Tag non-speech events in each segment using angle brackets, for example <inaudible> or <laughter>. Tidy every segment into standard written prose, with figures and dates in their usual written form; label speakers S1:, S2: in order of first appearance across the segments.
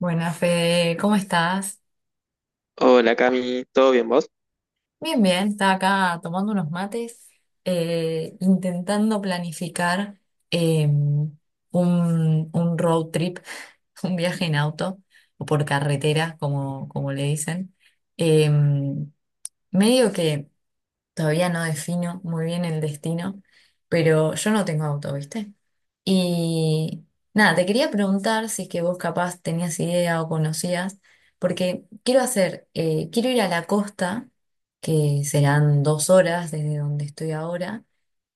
S1: Buenas, Fede, ¿cómo estás?
S2: Hola Cami, ¿todo bien vos?
S1: Bien, bien, estaba acá tomando unos mates, intentando planificar eh, un, un road trip, <laughs> un viaje en auto o por carretera, como le dicen. Eh, medio que todavía no defino muy bien el destino, pero yo no tengo auto, ¿viste? Y nada, te quería preguntar si es que vos capaz tenías idea o conocías, porque quiero quiero ir a la costa, que serán dos horas desde donde estoy ahora,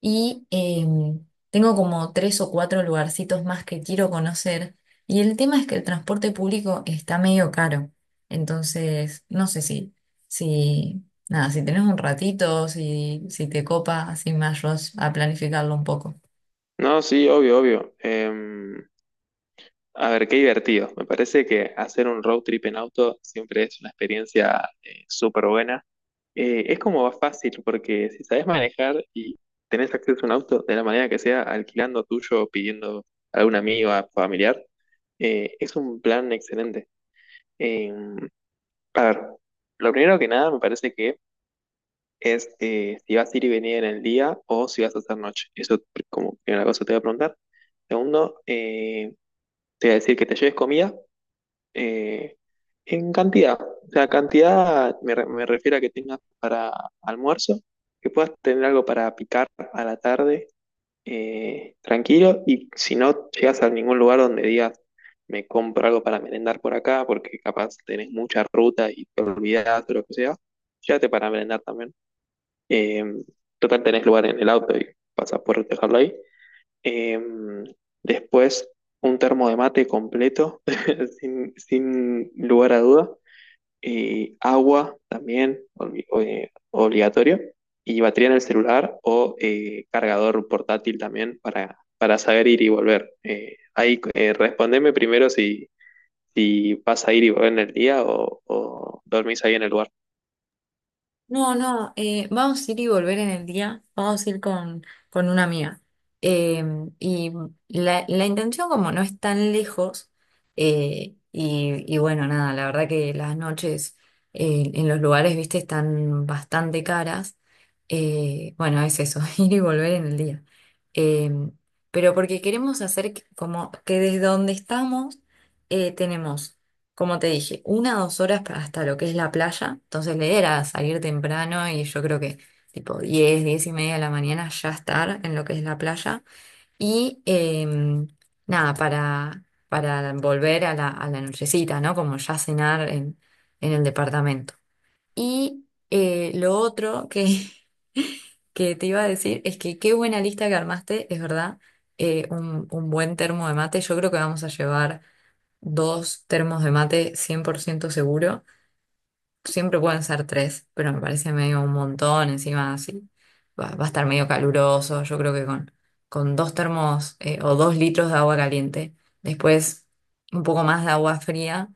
S1: y tengo como tres o cuatro lugarcitos más que quiero conocer, y el tema es que el transporte público está medio caro, entonces no sé si. Nada, si tenés un ratito, si te copa, así me ayudas a planificarlo un poco.
S2: No, sí, obvio, obvio. A ver, qué divertido. Me parece que hacer un road trip en auto siempre es una experiencia súper buena. Es como más fácil porque si sabes manejar y tenés acceso a un auto de la manera que sea, alquilando tuyo, pidiendo a algún amigo, a familiar, es un plan excelente. Em, a ver, lo primero que nada me parece que es si vas a ir y venir en el día o si vas a hacer noche. Como primera cosa te voy a preguntar. Segundo, te voy a decir que te lleves comida eh, en cantidad. O sea, me refiero a que tengas para almuerzo, que puedas tener algo para picar a la tarde, tranquilo, y si no llegas a ningún lugar donde digas, me compro algo para merendar por acá, porque capaz tenés mucha ruta y te olvidás o lo que sea, llévate para merendar también. Eh, total, tenés lugar en el auto y vas a poder dejarlo ahí. Eh, después, un termo de mate completo, <laughs> sin lugar a duda. Agua también, obligatorio. Y batería en el celular o cargador portátil también para saber ir y volver. Ahí Respondeme primero si, si vas a ir y volver en el día o dormís ahí en el lugar.
S1: No, no, vamos a ir y volver en el día, vamos a ir con una amiga. Eh, y la intención como no es tan lejos, bueno, nada, la verdad que las noches en los lugares, viste, están bastante caras. Bueno, es eso, <laughs> ir y volver en el día. Eh, pero porque queremos hacer como que desde donde estamos tenemos como te dije, una o dos horas hasta lo que es la playa. Entonces la idea era salir temprano y yo creo que tipo 10 10 y media de la mañana ya estar en lo que es la playa. Y nada, para volver a a la nochecita, ¿no? Como ya cenar en el departamento. Y <laughs> que te iba a decir es que qué buena lista que armaste, es verdad. Un buen termo de mate. Yo creo que vamos a llevar dos termos de mate 100% seguro. Siempre pueden ser tres, pero me parece medio un montón. Encima, así va a estar medio caluroso. Yo creo que con dos termos o dos litros de agua caliente, después un poco más de agua fría.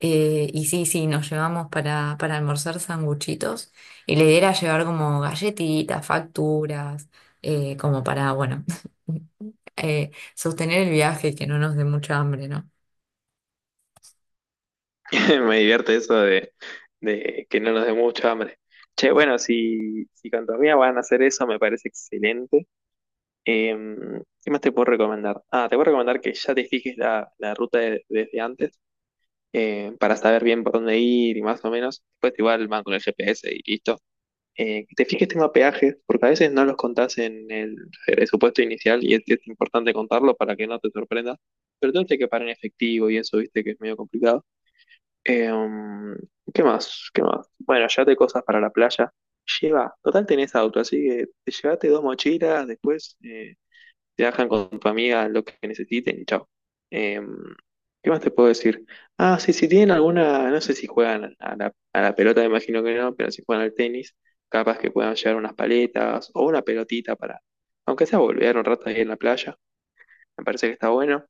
S1: Y sí, sí, nos llevamos para almorzar sanguchitos. Y la idea era llevar como galletitas, facturas, como para, bueno, <laughs> sostener el viaje y que no nos dé mucha hambre, ¿no?
S2: <laughs> Me divierte eso de que no nos dé mucha hambre. Che, bueno, si, si con tu amiga van a hacer eso, me parece excelente. ¿Qué más te puedo recomendar? Ah, te puedo recomendar que ya te fijes la desde antes para saber bien por dónde ir y más o menos. Después igual van con el GPS y listo. Que te fijes tema peajes, porque a veces no los contás en el presupuesto inicial y es importante contarlo para que no te sorprendas. Pero entonces que pagar en efectivo y eso, viste, que es medio complicado. Em, ¿Qué más? ¿Qué más? Bueno, llévate cosas para la playa. Lleva, total tenés auto, así que te llévate dos mochilas, después te dejan con tu amiga lo que necesiten y chao. Em, ¿Qué más te puedo decir? Ah, sí, si tienen alguna, no sé si juegan a a la pelota, me imagino que no, pero si juegan al tenis, capaz que puedan llevar unas paletas o una pelotita para, aunque sea volver un rato ahí en la playa, me parece que está bueno.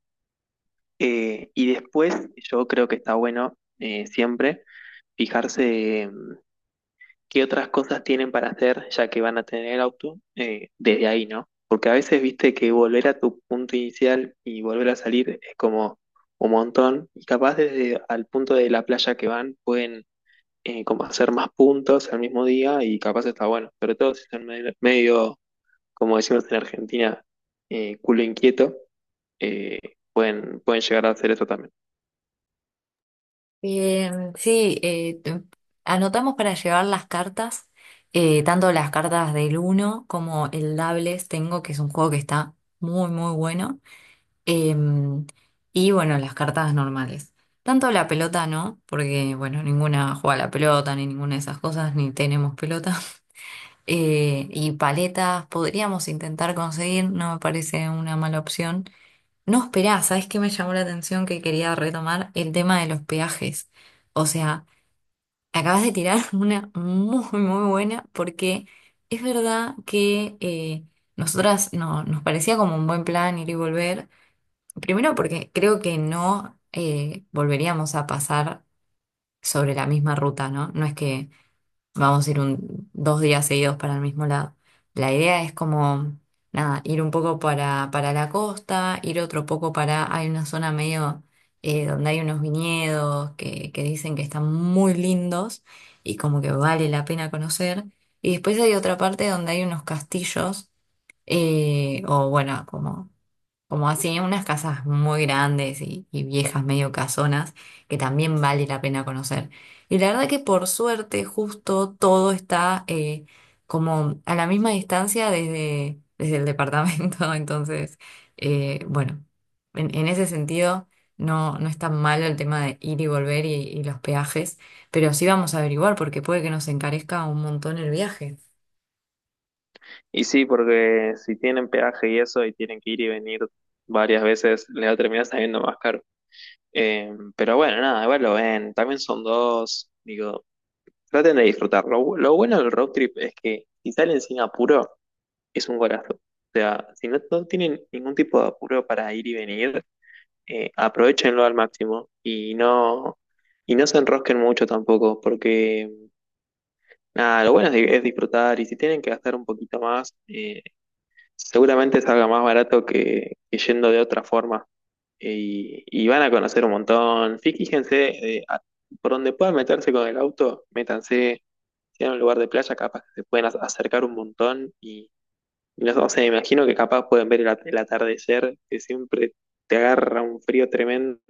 S2: Y después, yo creo que está bueno siempre fijarse qué otras cosas tienen para hacer ya que van a tener el auto desde ahí, ¿no? Porque a veces viste que volver a tu punto inicial y volver a salir es como un montón y capaz desde al punto de la playa que van pueden como hacer más puntos al mismo día y capaz está bueno, sobre todo si están medio, medio, como decimos en Argentina, culo inquieto, eh, pueden, pueden llegar a hacer eso también.
S1: Bien, sí, anotamos para llevar las cartas, tanto las cartas del uno como el Doubles Tengo, que es un juego que está muy, muy bueno. Em, y bueno, las cartas normales. Tanto la pelota no, porque bueno, ninguna juega a la pelota, ni ninguna de esas cosas, ni tenemos pelota. <laughs> Y paletas podríamos intentar conseguir, no me parece una mala opción. No, esperá, ¿sabes qué me llamó la atención que quería retomar? El tema de los peajes. O sea, acabas de tirar <laughs> una muy, muy buena porque es verdad que nosotras no, nos parecía como un buen plan ir y volver. Primero porque creo que no volveríamos a pasar sobre la misma ruta, ¿no? No es que vamos a ir un, dos días seguidos para el mismo lado. La idea es como, nada, ir un poco para la costa, ir otro poco para, hay una zona medio donde hay unos viñedos que dicen que están muy lindos y como que vale la pena conocer. Y después hay otra parte donde hay unos castillos , o bueno, como así, unas casas muy grandes y viejas, medio casonas, que también vale la pena conocer. Y la verdad que por suerte, justo todo está como a la misma distancia desde el departamento. <laughs> Entonces, bueno, en ese sentido no, no es tan malo el tema de ir y volver y los peajes, pero sí vamos a averiguar porque puede que nos encarezca un montón el viaje.
S2: Y sí, porque si tienen peaje y eso y tienen que ir y venir varias veces, les va a terminar saliendo más caro. Pero bueno, nada, igual lo ven, también son dos, digo, traten de disfrutar. Lo bueno del road trip es que si salen sin apuro, es un golazo. O sea, si no, no tienen ningún tipo de apuro para ir y venir, aprovechenlo al máximo y no se enrosquen mucho tampoco, porque nada, lo bueno es, di- es disfrutar y si tienen que gastar un poquito más, seguramente salga más barato que yendo de otra forma. Y van a conocer un montón. Fíjense, por donde puedan meterse con el auto, métanse. Si en un lugar de playa, capaz que se pueden acercar un montón. Y no sé, me imagino que capaz pueden ver el atardecer, que siempre te agarra un frío tremendo.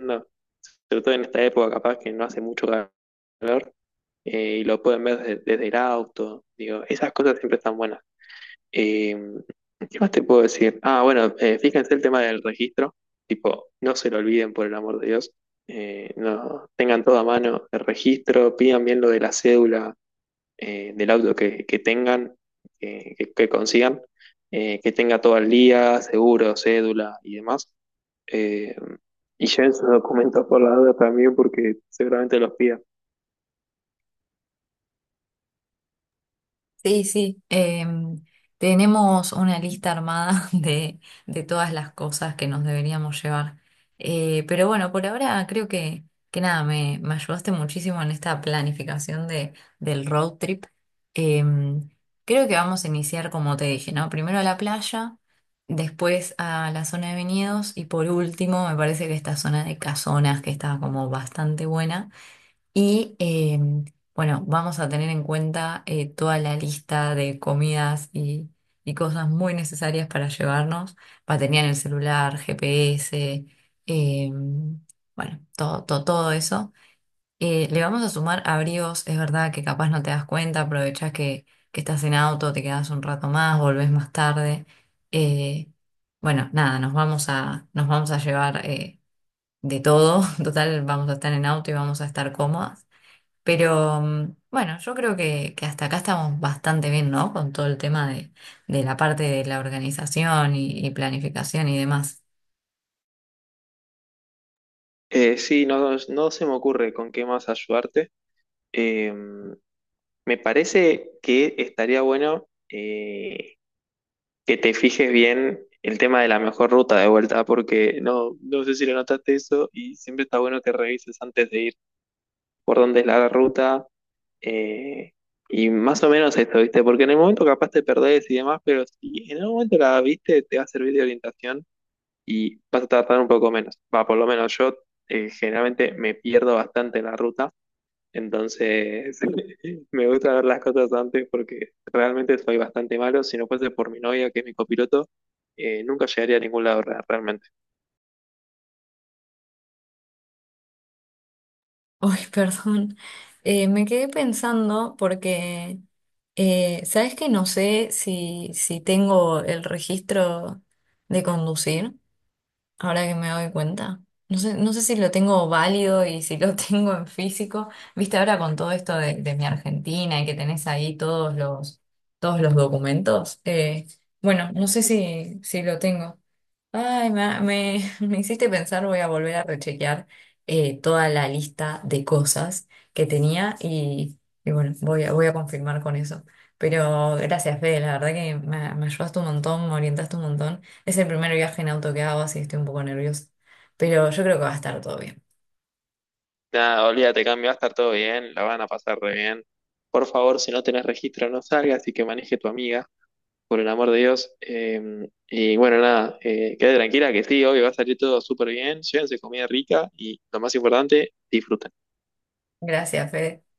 S2: Sobre todo en esta época, capaz que no hace mucho calor. Eh, y lo pueden ver desde el auto. Digo, esas cosas siempre están buenas. Eh, ¿Qué más te puedo decir? Ah, bueno, fíjense el tema del registro. Tipo, no se lo olviden por el amor de Dios. No, tengan todo a mano el registro, pidan bien lo de la cédula del auto que tengan, que consigan, que tenga todo al día, seguro, cédula y demás. Eh, y lleven sus documentos por la duda también porque seguramente los pidan.
S1: Sí, sí, tenemos una lista armada <laughs> de todas las cosas que nos deberíamos llevar. Pero bueno, por ahora creo que nada, me ayudaste muchísimo en esta planificación de, del road trip. Em, creo que vamos a iniciar, como te dije, ¿no? Primero a la playa, después a la zona de viñedos y por último, me parece que esta zona de casonas que está como bastante buena y bueno, vamos a tener en cuenta toda la lista de comidas y cosas muy necesarias para llevarnos. Batería en el celular, GPS, eh, bueno, todo, todo, todo eso. Le vamos a sumar abrigos, es verdad que capaz no te das cuenta, aprovechás que estás en auto, te quedás un rato más, volvés más tarde. Eh, bueno, nada, nos vamos a llevar de todo. <laughs> Total, vamos a estar en auto y vamos a estar cómodas. Pero bueno, yo creo que hasta acá estamos bastante bien, ¿no? Con todo el tema de la parte de la organización y planificación y demás.
S2: Sí, no, no se me ocurre con qué más ayudarte. Eh, Me parece que estaría bueno que te fijes bien el tema de la mejor ruta de vuelta, porque no, no sé si lo notaste eso y siempre está bueno que revises antes de ir por dónde es la ruta eh, y más o menos esto, ¿viste? Porque en el momento capaz te perdés y demás, pero si en el momento la viste, te va a servir de orientación y vas a tardar un poco menos. Va, por lo menos yo generalmente me pierdo bastante en la ruta. Entonces, <laughs> me gusta ver las cosas antes porque realmente soy bastante malo. Si no fuese por mi novia, que es mi copiloto, nunca llegaría a ningún lado realmente.
S1: <laughs> Uy, perdón. Me quedé pensando porque ¿sabes que no sé si tengo el registro de conducir ahora que me doy cuenta? No sé, no sé si lo tengo válido y si lo <laughs> tengo en físico. Viste, ahora con todo esto de mi Argentina y que tenés ahí todos todos los documentos. Bueno, no sé si lo tengo. Ay, <laughs> me hiciste pensar, voy a volver a rechequear toda la lista de cosas que tenía y bueno, voy a confirmar con eso. Pero gracias, Fede, la verdad que me ayudaste un montón, me orientaste un montón. Es el primer viaje en auto que hago, así estoy un poco nerviosa. Pero yo creo que va a estar todo bien.
S2: Nada, olvídate, cambio, va a estar todo bien, la van a pasar re bien. Por favor, si no tenés registro, no salgas y que maneje tu amiga, por el amor de Dios. Y bueno, nada, quédate tranquila que sí, hoy va a salir todo súper bien. Llévense comida rica y lo más importante, disfruten.
S1: Gracias, Fede.